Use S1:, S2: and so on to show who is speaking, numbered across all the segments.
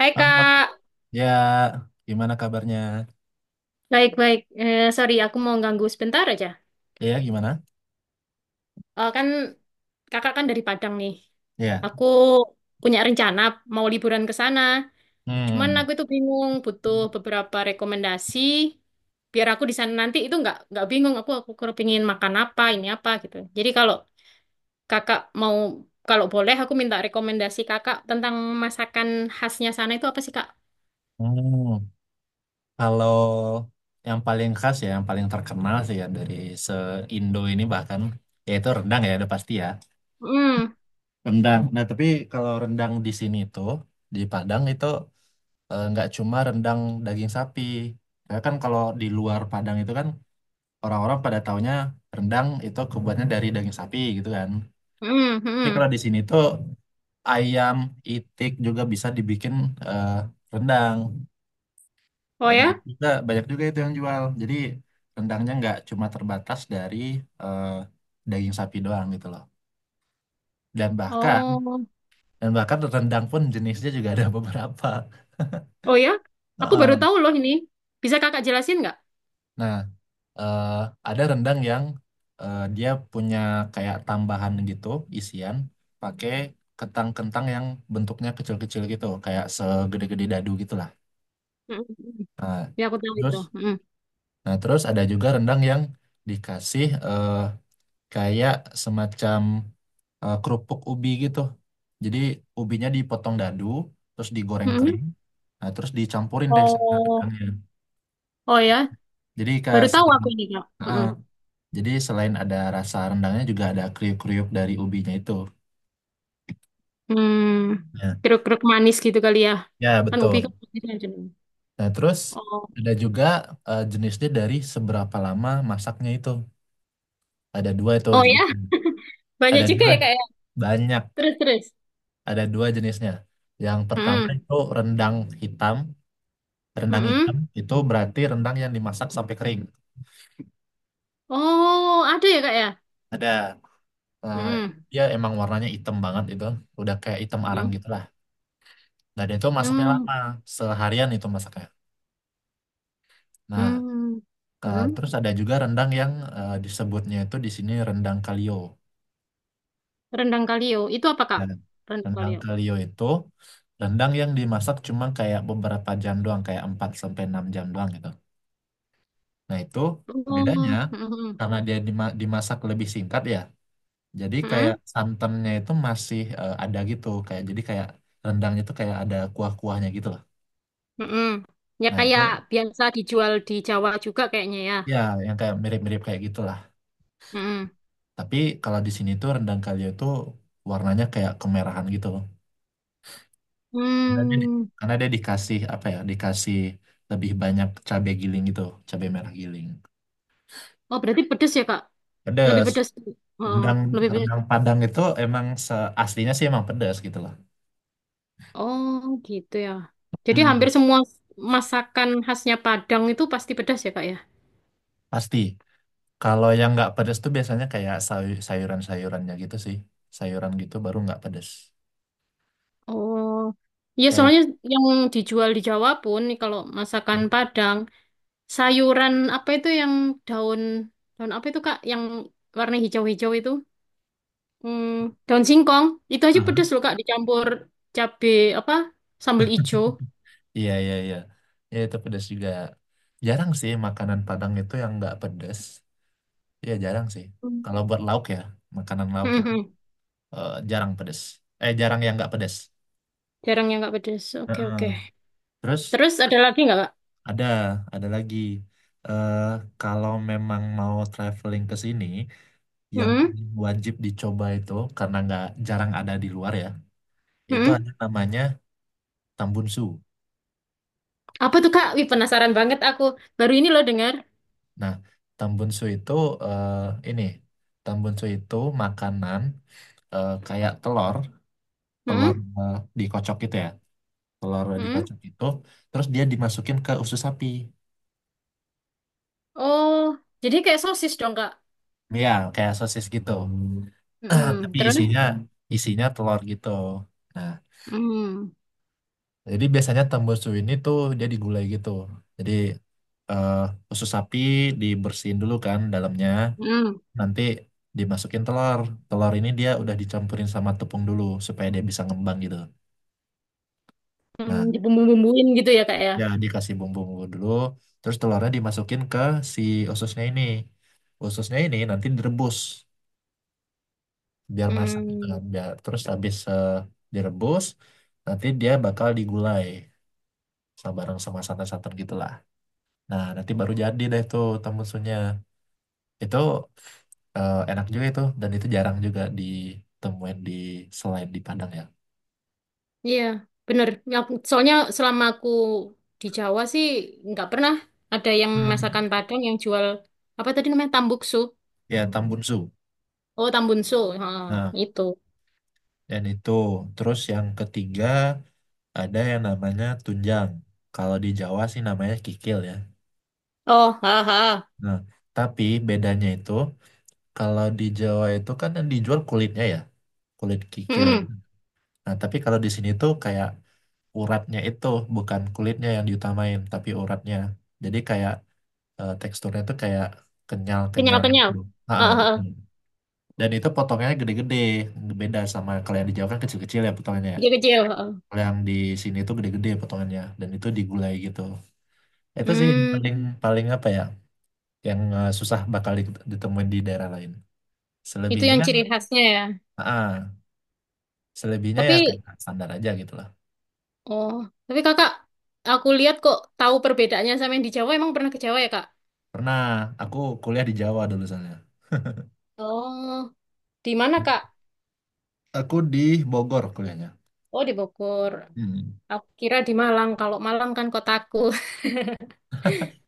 S1: Hai
S2: Halo.
S1: Kak,
S2: Ya, gimana kabarnya?
S1: baik-baik. Sorry, aku mau ganggu sebentar aja.
S2: Ya, gimana?
S1: Kan kakak kan dari Padang nih.
S2: Ya.
S1: Aku punya rencana mau liburan ke sana. Cuman
S2: Hmm.
S1: aku itu bingung, butuh beberapa rekomendasi biar aku di sana nanti itu nggak bingung. Aku kepingin makan apa, ini apa gitu. Jadi kalau kakak mau kalau boleh aku minta rekomendasi kakak tentang masakan khasnya sana itu apa sih Kak?
S2: Hmm. Kalau yang paling khas ya, yang paling terkenal sih ya dari se-Indo ini bahkan yaitu rendang ya, udah pasti ya.
S1: Hmm,
S2: Rendang. Nah, tapi kalau rendang di sini tuh di Padang itu nggak cuma rendang daging sapi. Ya kan kalau di luar Padang itu kan orang-orang pada taunya rendang itu kebuatnya dari daging sapi gitu kan.
S1: hmm,
S2: Tapi
S1: hmm.
S2: kalau di sini tuh ayam, itik juga bisa dibikin eh, rendang.
S1: Oh ya?
S2: Banyak juga itu yang jual. Jadi rendangnya nggak cuma terbatas dari eh, daging sapi doang gitu loh. Dan bahkan
S1: Oh.
S2: dan bahkan rendang pun jenisnya juga ada beberapa.
S1: Oh ya, aku baru
S2: Heeh.
S1: tahu loh ini. Bisa kakak jelasin nggak?
S2: Nah, eh, ada rendang yang dia punya kayak tambahan gitu, isian pakai kentang-kentang yang bentuknya kecil-kecil gitu, kayak segede-gede dadu gitu lah.
S1: Mm-mm.
S2: Nah,
S1: Ya aku tahu
S2: terus
S1: itu. Mm-mm.
S2: Nah, terus ada juga rendang yang dikasih kayak semacam kerupuk ubi gitu. Jadi ubinya dipotong dadu, terus digoreng
S1: Mm-mm.
S2: kering, nah, terus dicampurin deh sama
S1: Oh,
S2: rendangnya.
S1: oh ya,
S2: Jadi
S1: baru
S2: kayak
S1: tahu
S2: selain,
S1: aku ini kak.
S2: ah,
S1: Mm-mm.
S2: jadi selain ada rasa rendangnya juga ada kriuk-kriuk dari ubinya itu.
S1: Hmm,
S2: Ya,
S1: Keruk-keruk manis gitu kali ya.
S2: ya
S1: Kan ubi kan
S2: betul.
S1: manis kan cenderung.
S2: Nah, terus
S1: Oh,
S2: ada juga jenisnya dari seberapa lama masaknya itu. Ada dua itu
S1: oh ya,
S2: jenisnya.
S1: banyak
S2: Ada
S1: juga
S2: dua,
S1: ya kak ya.
S2: banyak.
S1: Terus terus.
S2: Ada dua jenisnya. Yang pertama
S1: Mm-mm.
S2: itu rendang hitam. Rendang hitam
S1: Mm-mm.
S2: itu berarti rendang yang dimasak sampai kering.
S1: Oh, ada ya kak ya.
S2: Ada eh,
S1: Mm-mm.
S2: dia emang warnanya hitam banget itu, udah kayak hitam arang
S1: Mm-mm.
S2: gitulah. Nah, dia itu masaknya
S1: Mm.
S2: lama, seharian itu masaknya. Nah,
S1: Mm. Mm.
S2: terus ada juga rendang yang disebutnya itu di sini rendang kalio.
S1: Rendang kalio, itu apa kak?
S2: Dan
S1: Rendang
S2: rendang
S1: kalio.
S2: kalio itu rendang yang dimasak cuma kayak beberapa jam doang, kayak 4 sampai 6 jam doang gitu. Nah, itu bedanya
S1: Oh, mm-mm.
S2: karena dia dimasak lebih singkat ya. Jadi kayak
S1: Mm-mm.
S2: santannya itu masih ada gitu, kayak jadi kayak rendangnya itu kayak ada kuah-kuahnya gitu lah.
S1: Mm-mm. Ya
S2: Nah, itu
S1: kayak biasa dijual di Jawa juga kayaknya ya.
S2: ya yang kayak mirip-mirip kayak gitulah.
S1: Mm-mm.
S2: Tapi kalau di sini tuh rendang kalio itu warnanya kayak kemerahan gitu. Karena dia, di-
S1: Hmm.
S2: karena dia dikasih apa ya? Dikasih lebih banyak cabai giling gitu, cabai merah giling.
S1: Oh, berarti pedes ya, Kak? Lebih
S2: Pedas.
S1: pedes. Oh,
S2: Rendang
S1: lebih pedes.
S2: rendang Padang itu emang aslinya sih emang pedas gitu lah.
S1: Oh, gitu ya. Jadi hampir
S2: Mm,
S1: semua masakan khasnya Padang itu pasti pedas ya, Kak ya?
S2: pasti. Kalau yang nggak pedes tuh biasanya kayak sayuran-sayurannya gitu sih. Sayuran gitu baru nggak pedes.
S1: Oh. Ya,
S2: Kayak.
S1: soalnya yang dijual di Jawa pun nih kalau masakan Padang, sayuran apa itu yang daun daun apa itu, Kak? Yang warna hijau-hijau itu? Hmm, daun singkong itu aja
S2: Aha.
S1: pedes loh Kak dicampur cabe apa sambal ijo.
S2: Iya, iya, iya. Ya itu pedes juga. Jarang sih makanan Padang itu yang nggak pedes. Iya, jarang sih.
S1: Hmm.
S2: Kalau buat lauk ya, makanan lauk itu
S1: Mhm.
S2: jarang pedes. Jarang yang nggak pedes.
S1: Jarang yang nggak pedes. Oke oke.
S2: Heeh. Terus
S1: Terus ada lagi nggak Kak?
S2: ada, ada lagi. eh Kalau memang mau traveling ke sini, yang
S1: Mhm.
S2: wajib dicoba itu karena nggak jarang ada di luar ya. Itu
S1: Mhm.
S2: ada namanya tambunsu.
S1: Apa tuh Kak? Wih penasaran banget aku. Baru ini loh dengar.
S2: Nah, tambunsu itu eh, ini tambunsu itu makanan kayak telur, telur
S1: Mhm.
S2: eh, dikocok gitu ya, telur
S1: Mhm.
S2: dikocok itu, terus dia dimasukin ke usus sapi,
S1: Oh, jadi kayak sosis dong Kak.
S2: ya kayak sosis gitu.
S1: Mhm.
S2: Tapi
S1: Terus?
S2: isinya isinya telur gitu. Nah,
S1: Hmm.
S2: jadi biasanya tambunsu ini tuh dia digulai gitu. Jadi eh, usus sapi dibersihin dulu kan dalamnya.
S1: Hmm.
S2: Nanti dimasukin telur. Telur ini dia udah dicampurin sama tepung dulu supaya dia bisa ngembang gitu.
S1: Hmm.
S2: Nah,
S1: Dibumbu-bumbuin gitu ya Kak ya.
S2: ya dikasih bumbu-bumbu dulu, terus telurnya dimasukin ke si ususnya ini. Ususnya ini nanti direbus biar masak gitu
S1: Hmm.
S2: kan. Biar terus habis direbus, nanti dia bakal digulai sama bareng sama santan-santan gitulah. Nah, nanti baru jadi deh tuh temmusunya. Itu enak juga itu dan itu jarang juga ditemuin di selain di Padang ya.
S1: Iya, bener. Ya, soalnya selama aku di Jawa sih nggak pernah ada yang
S2: Hmm.
S1: masakan Padang yang jual apa tadi namanya tambuksu.
S2: Ya Tambunsu.
S1: Oh, tambunsu. Ah,
S2: Nah,
S1: itu.
S2: dan itu terus yang ketiga ada yang namanya tunjang. Kalau di Jawa sih namanya kikil ya.
S1: Oh, haha.
S2: Nah, tapi bedanya itu kalau di Jawa itu kan yang dijual kulitnya ya, kulit kikil.
S1: Mm-mm.
S2: Nah, tapi kalau di sini tuh kayak uratnya itu bukan kulitnya yang diutamain, tapi uratnya. Jadi kayak teksturnya tuh kayak kenyal-kenyal
S1: Kenyal-kenyal.
S2: gitu. Ah, ah,
S1: Ah, ah,
S2: betul.
S1: ah.
S2: Dan itu potongnya gede-gede, beda sama kalau yang di Jawa kan kecil-kecil ya potongnya.
S1: Kecil-kecil. Ah, ah.
S2: Kalau yang di sini tuh gede-gede potongannya dan itu digulai gitu. Itu sih yang
S1: Hmm,
S2: paling paling apa ya? Yang susah bakal ditemuin di daerah lain.
S1: itu yang
S2: Selebihnya,
S1: ciri khasnya ya.
S2: ah, selebihnya ya
S1: Tapi,
S2: kayak standar aja gitu lah.
S1: oh, tapi kakak, aku lihat kok tahu perbedaannya sama yang di Jawa. Emang pernah ke Jawa ya, Kak?
S2: Pernah aku kuliah di Jawa dulu soalnya.
S1: Oh, di mana, Kak?
S2: Aku di Bogor kuliahnya.
S1: Oh, di Bogor.
S2: Hmm.
S1: Aku kira di Malang. Kalau Malang kan kotaku.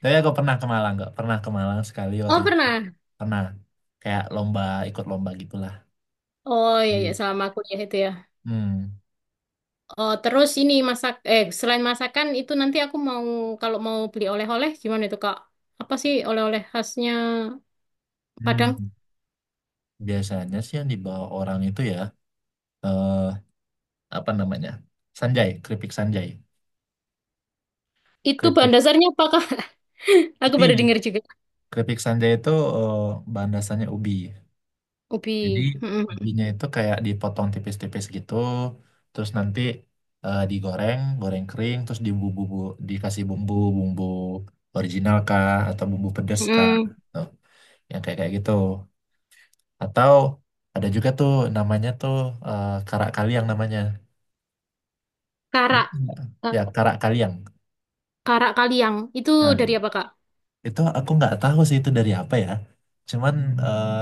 S2: Tapi aku pernah ke Malang, nggak pernah ke Malang sekali waktu
S1: Oh
S2: itu.
S1: pernah.
S2: Pernah kayak lomba ikut lomba gitulah.
S1: Oh iya iya
S2: Di-
S1: selama kuliah itu ya.
S2: Hmm.
S1: Oh terus ini masak eh selain masakan itu nanti aku mau kalau mau beli oleh-oleh gimana itu Kak? Apa sih oleh-oleh khasnya Padang?
S2: Hmm. Biasanya sih yang dibawa orang itu ya eh, apa namanya, sanjai, keripik sanjai,
S1: Itu bahan
S2: keripik
S1: dasarnya apa Kak? Aku baru
S2: ubi,
S1: dengar juga.
S2: keripik sanjai itu eh, bahan dasarnya ubi.
S1: Ubi.
S2: Jadi
S1: Mm-mm.
S2: ubinya itu kayak dipotong tipis-tipis gitu, terus nanti digoreng goreng kering terus dibumbu, dikasih bumbu bumbu original kah atau bumbu pedes kah,
S1: Mm-mm.
S2: tuh yang kayak kayak gitu. Atau ada juga tuh namanya tuh karak kaliang namanya. Dia-
S1: Karak.
S2: Ya
S1: Ka-
S2: karak kaliang.
S1: Karak kaliang. Itu
S2: Nah,
S1: dari apa Kak?
S2: itu aku nggak tahu sih itu dari apa ya, cuman eh,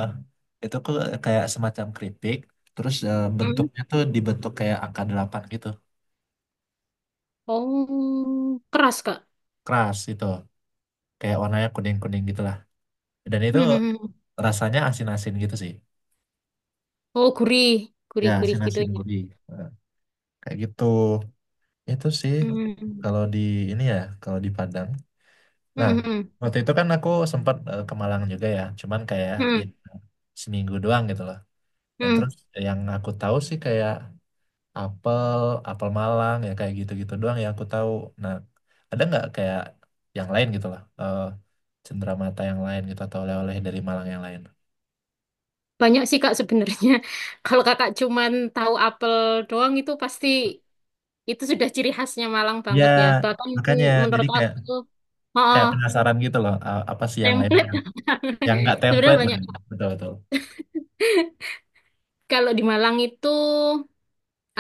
S2: itu kok kayak semacam keripik, terus
S1: Mm.
S2: bentuknya tuh dibentuk kayak angka delapan gitu,
S1: Oh keras Kak.
S2: keras itu, kayak warnanya kuning kuning gitulah, dan itu
S1: Mm-mm.
S2: rasanya asin asin gitu sih,
S1: Oh gurih.
S2: ya
S1: Gurih-gurih
S2: asin
S1: gitu
S2: asin
S1: ya.
S2: gurih. Eh, Kayak gitu itu sih
S1: Mm.
S2: kalau di ini ya kalau di Padang. Nah,
S1: Mm-mm.
S2: waktu itu kan aku sempat ke Malang juga ya, cuman kayak
S1: Mm. Hmm.
S2: ya,
S1: mm
S2: seminggu doang gitu loh. Dan terus
S1: mm
S2: yang aku tahu sih kayak apel, apel Malang, ya kayak gitu-gitu doang yang aku tahu. Nah, ada nggak kayak yang lain gitu lah, cenderamata yang lain gitu atau oleh-oleh dari Malang yang lain?
S1: Banyak sih Kak sebenarnya. Kalau Kakak cuman tahu apel doang itu pasti itu sudah ciri khasnya Malang
S2: Ya,
S1: banget ya. Bahkan
S2: makanya jadi
S1: menurut
S2: kayak
S1: aku, oh,
S2: kayak penasaran gitu loh, apa sih yang lain,
S1: template.
S2: yang yang nggak
S1: Sebenarnya
S2: template lah,
S1: banyak.
S2: betul-betul.
S1: Kalau di Malang itu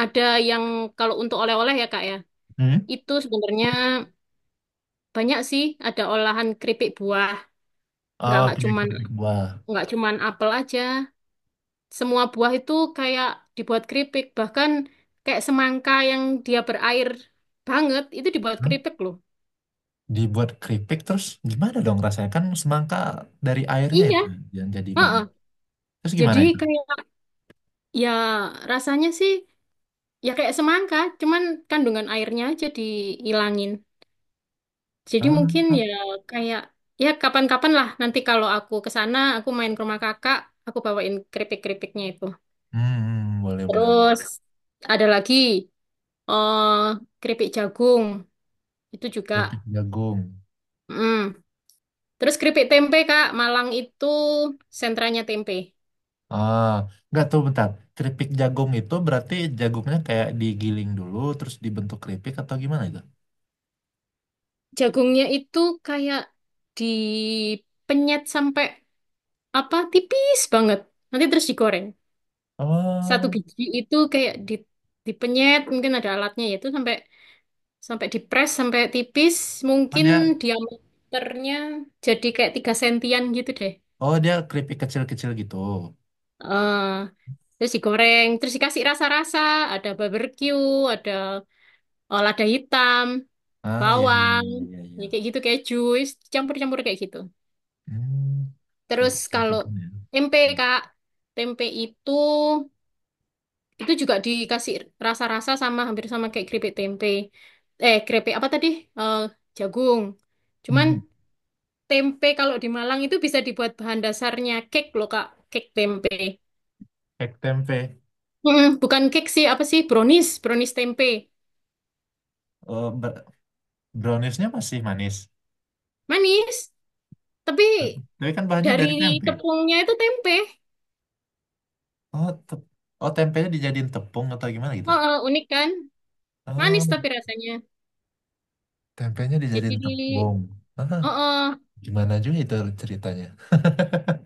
S1: ada yang kalau untuk oleh-oleh ya Kak ya.
S2: Hmm?
S1: Itu sebenarnya banyak sih ada olahan keripik buah. Nggak
S2: Oh,
S1: nggak
S2: keripik
S1: cuman
S2: keripik buah.
S1: nggak cuman apel aja. Semua buah itu kayak dibuat keripik. Bahkan kayak semangka yang dia berair banget itu dibuat
S2: Hmm?
S1: keripik loh.
S2: Dibuat keripik terus gimana dong rasanya? Kan semangka dari airnya
S1: Iya,
S2: itu yang jadi
S1: heeh.
S2: manis. Terus
S1: Jadi
S2: gimana itu?
S1: kayak ya rasanya sih ya kayak semangka, cuman kandungan airnya aja dihilangin. Jadi mungkin
S2: Ah,
S1: ya kayak ya kapan-kapan lah nanti kalau aku ke sana, aku main ke rumah kakak, aku bawain keripik-keripiknya itu.
S2: boleh boleh.
S1: Terus ada lagi eh keripik jagung itu juga.
S2: Keripik jagung.
S1: Mm. Terus keripik tempe, Kak. Malang itu sentranya tempe.
S2: Ah, nggak tuh bentar. Keripik jagung itu berarti jagungnya kayak digiling dulu, terus dibentuk keripik atau gimana itu?
S1: Jagungnya itu kayak dipenyet sampai apa tipis banget. Nanti terus digoreng. Satu
S2: Oh,
S1: biji itu kayak di, dipenyet, mungkin ada alatnya yaitu sampai sampai dipres sampai tipis,
S2: oh
S1: mungkin
S2: dia,
S1: diameternya jadi kayak 3 sentian gitu deh.
S2: oh dia keripik kecil-kecil gitu.
S1: eh terus digoreng, terus dikasih rasa-rasa, ada barbecue, ada lada hitam.
S2: Ah, ya, ya,
S1: Bawang,
S2: ya, ya, ya.
S1: ya
S2: Ya.
S1: kayak gitu kayak jus, campur-campur kayak gitu.
S2: Hmm,
S1: Terus
S2: Keripik
S1: kalau
S2: keripiknya. Ya.
S1: tempe Kak, tempe itu juga dikasih rasa-rasa sama hampir sama kayak keripik tempe. Keripik apa tadi? Eh, jagung. Cuman
S2: Hmm,
S1: tempe kalau di Malang itu bisa dibuat bahan dasarnya cake loh Kak, cake tempe.
S2: Kayak tempe.
S1: Bukan cake sih, apa sih? Brownies, brownies tempe.
S2: Oh, browniesnya masih manis.
S1: Manis, tapi
S2: Tapi kan bahannya
S1: dari
S2: dari tempe.
S1: tepungnya itu tempe.
S2: Oh, oh tempenya dijadiin tepung atau gimana gitu?
S1: Oh, unik kan? Manis
S2: Oh,
S1: tapi rasanya.
S2: tempenya
S1: Jadi,
S2: dijadiin tepung. Ah.
S1: uh-uh.
S2: Gimana juga itu ceritanya?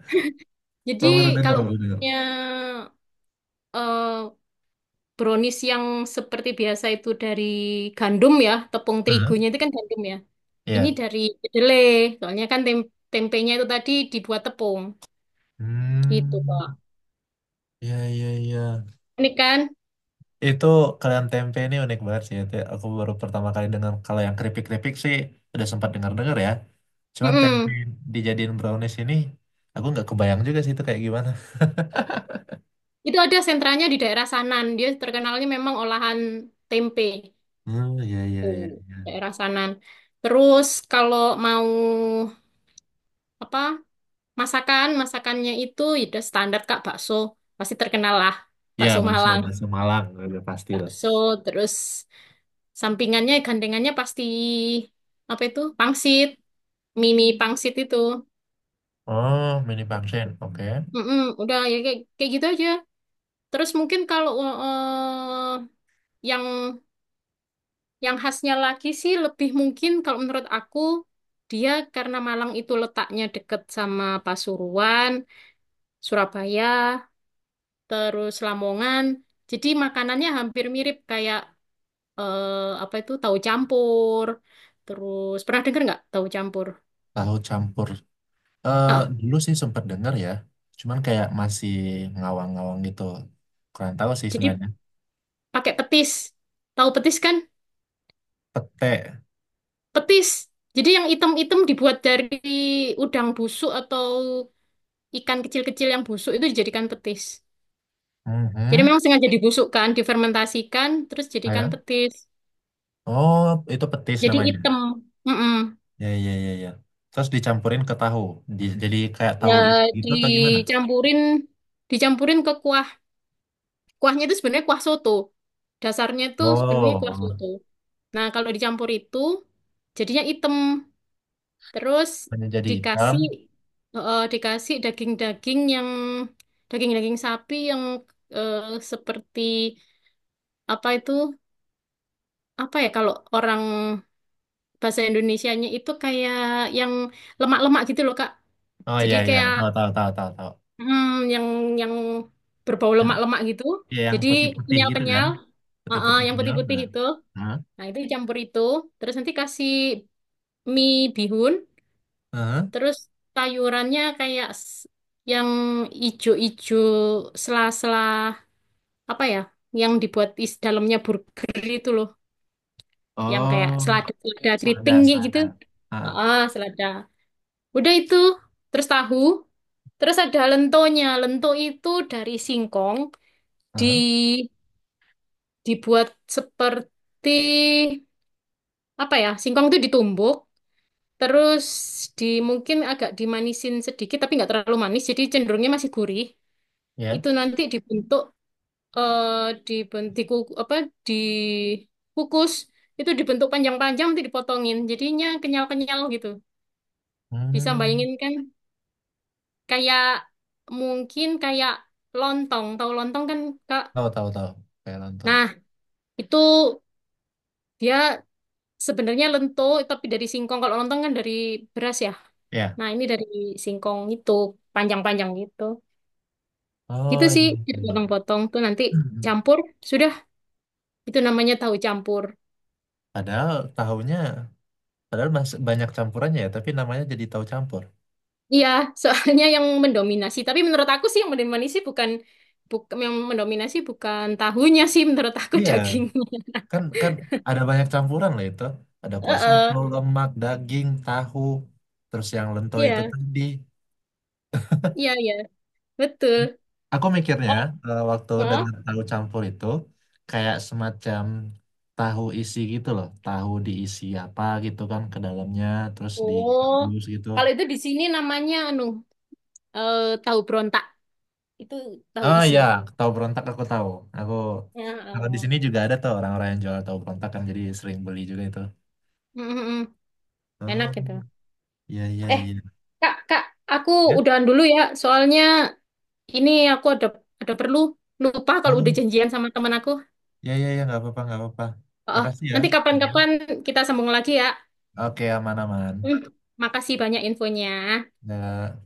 S1: Jadi
S2: Oh, baru denger,
S1: kalau
S2: baru dengar?
S1: punya eh, brownies yang seperti biasa itu dari gandum ya, tepung
S2: Heeh,
S1: terigunya itu kan gandum ya. Ini
S2: iya.
S1: dari kedelai, soalnya kan tempenya itu tadi dibuat tepung, gitu
S2: Hmm.
S1: Kak.
S2: Ya ya ya.
S1: Ini kan,
S2: Itu kalian tempe ini unik banget sih. Itu aku baru pertama kali dengar. Kalau yang keripik-keripik sih udah sempat dengar-dengar ya. Cuman tempe
S1: mm-mm.
S2: dijadiin brownies ini, aku nggak kebayang juga sih itu kayak gimana.
S1: Itu ada sentranya di daerah Sanan, dia terkenalnya memang olahan tempe,
S2: Hmm, ya ya
S1: tuh
S2: ya.
S1: daerah Sanan. Terus kalau mau apa? Masakannya itu ya standar Kak, bakso. Pasti terkenal lah.
S2: Ya,
S1: Bakso
S2: bakso,
S1: Malang,
S2: bakso Malang, udah pasti tuh.
S1: bakso, terus sampingannya, gandengannya pasti apa itu? Pangsit, mie pangsit itu.
S2: Oh, mini pangsit, oke.
S1: Mm-mm, udah ya kayak gitu aja. Terus mungkin kalau yang yang khasnya lagi sih lebih mungkin kalau menurut aku dia karena Malang itu letaknya deket sama Pasuruan, Surabaya. Terus Lamongan. Jadi makanannya hampir mirip kayak eh, apa itu tahu campur. Terus pernah dengar nggak tahu campur?
S2: Tahu campur. Eh,
S1: Ah,
S2: Dulu sih sempat dengar ya, cuman kayak masih ngawang-ngawang gitu. Kurang tahu sih
S1: jadi
S2: sebenarnya.
S1: pakai petis. Tahu petis kan?
S2: Pete.
S1: Petis. Jadi yang item-item dibuat dari udang busuk atau ikan kecil-kecil yang busuk itu dijadikan petis. Jadi
S2: Mhm.
S1: memang sengaja dibusukkan, difermentasikan, terus jadikan
S2: Ayam.
S1: petis.
S2: Oh, itu petis
S1: Jadi
S2: namanya.
S1: item. Mm-mm.
S2: Ya, ya, ya, ya. Terus dicampurin ke tahu. Jadi kayak tahu
S1: Ya
S2: gitu atau gimana?
S1: dicampurin dicampurin ke kuah. Kuahnya itu sebenarnya kuah soto. Dasarnya itu sebenarnya kuah
S2: Oh,
S1: soto. Nah, kalau dicampur itu jadinya item. Terus
S2: hanya jadi hitam.
S1: dikasih dikasih daging-daging sapi yang eh, seperti apa itu? Apa ya kalau orang bahasa Indonesianya itu kayak yang lemak-lemak gitu loh, Kak.
S2: Oh,
S1: Jadi
S2: ya, ya.
S1: kayak
S2: Tahu, tahu, tahu, tahu, tahu.
S1: hmm, yang yang berbau
S2: Yang,
S1: lemak-lemak gitu.
S2: yang
S1: Jadi
S2: putih-putih gitu kan?
S1: kenyal-kenyal, yang
S2: Putih-putihnya.
S1: putih-putih
S2: Nah.
S1: itu.
S2: Hah?
S1: Nah, itu dicampur itu, terus nanti kasih mie bihun,
S2: Hah?
S1: terus sayurannya kayak yang ijo-ijo sela-sela apa ya, yang dibuat is dalamnya burger itu loh, yang kayak
S2: Oh,
S1: selada-selada keriting
S2: selada,
S1: kayak gitu.
S2: selada. Ah,
S1: Ah, selada. Udah itu, terus tahu, terus ada lentonya. Lento itu dari singkong di
S2: ah,
S1: dibuat seperti apa ya? Singkong itu ditumbuk, terus di mungkin agak dimanisin sedikit tapi nggak terlalu manis jadi cenderungnya masih gurih.
S2: ya.
S1: Itu nanti dibentuk apa dikukus itu dibentuk panjang-panjang nanti dipotongin jadinya kenyal-kenyal gitu. Bisa
S2: Hmm.
S1: bayangin kan kayak mungkin kayak lontong. Tahu lontong kan Kak?
S2: Tahu tahu tahu kayak lontong.
S1: Nah, itu dia sebenarnya lento tapi dari singkong. Kalau lontong kan dari beras ya.
S2: Ya.
S1: Nah, ini dari singkong itu panjang-panjang gitu. Gitu
S2: Oh
S1: sih,
S2: iya iya. Iya.
S1: potong potong tuh nanti
S2: Mhm.
S1: campur, sudah itu namanya tahu campur.
S2: Padahal tahunya padahal masih banyak campurannya ya, tapi namanya jadi tahu campur.
S1: Iya, soalnya yang mendominasi. Tapi menurut aku sih yang mendominasi bukan bukan yang mendominasi bukan tahunya sih menurut aku
S2: Iya,
S1: dagingnya.
S2: kan kan ada banyak campuran lah itu. Ada kuah soto,
S1: Heeh.
S2: lemak, daging, tahu, terus yang lento itu
S1: Iya,
S2: tadi.
S1: iya, iya. Betul.
S2: Aku mikirnya
S1: Oh,
S2: waktu
S1: heeh.
S2: dengar tahu campur itu kayak semacam tahu isi gitu loh, tahu diisi apa gitu kan ke dalamnya, terus
S1: Oh.
S2: direbus gitu.
S1: Kalau itu di sini namanya anu tahu berontak. Itu tahu
S2: Oh
S1: isi.
S2: iya, tahu berontak aku tahu. Aku
S1: Ya,
S2: kalau di
S1: eh.
S2: sini juga ada tuh orang-orang yang jual tahu berontak kan jadi sering beli juga itu.
S1: Mm, mm, mm. Enak
S2: Oh,
S1: itu.
S2: iya iya
S1: Eh,
S2: iya.
S1: Kak, Kak, aku
S2: Ya?
S1: udahan dulu ya, soalnya ini aku ada perlu lupa kalau udah
S2: Oh,
S1: janjian sama teman aku.
S2: iya iya iya nggak apa-apa nggak apa-apa.
S1: Oh, oh.
S2: Makasih ya.
S1: Nanti
S2: Hmm.
S1: kapan-kapan kita sambung lagi ya.
S2: Oke aman-aman.
S1: Hmm, makasih banyak infonya.
S2: Ya.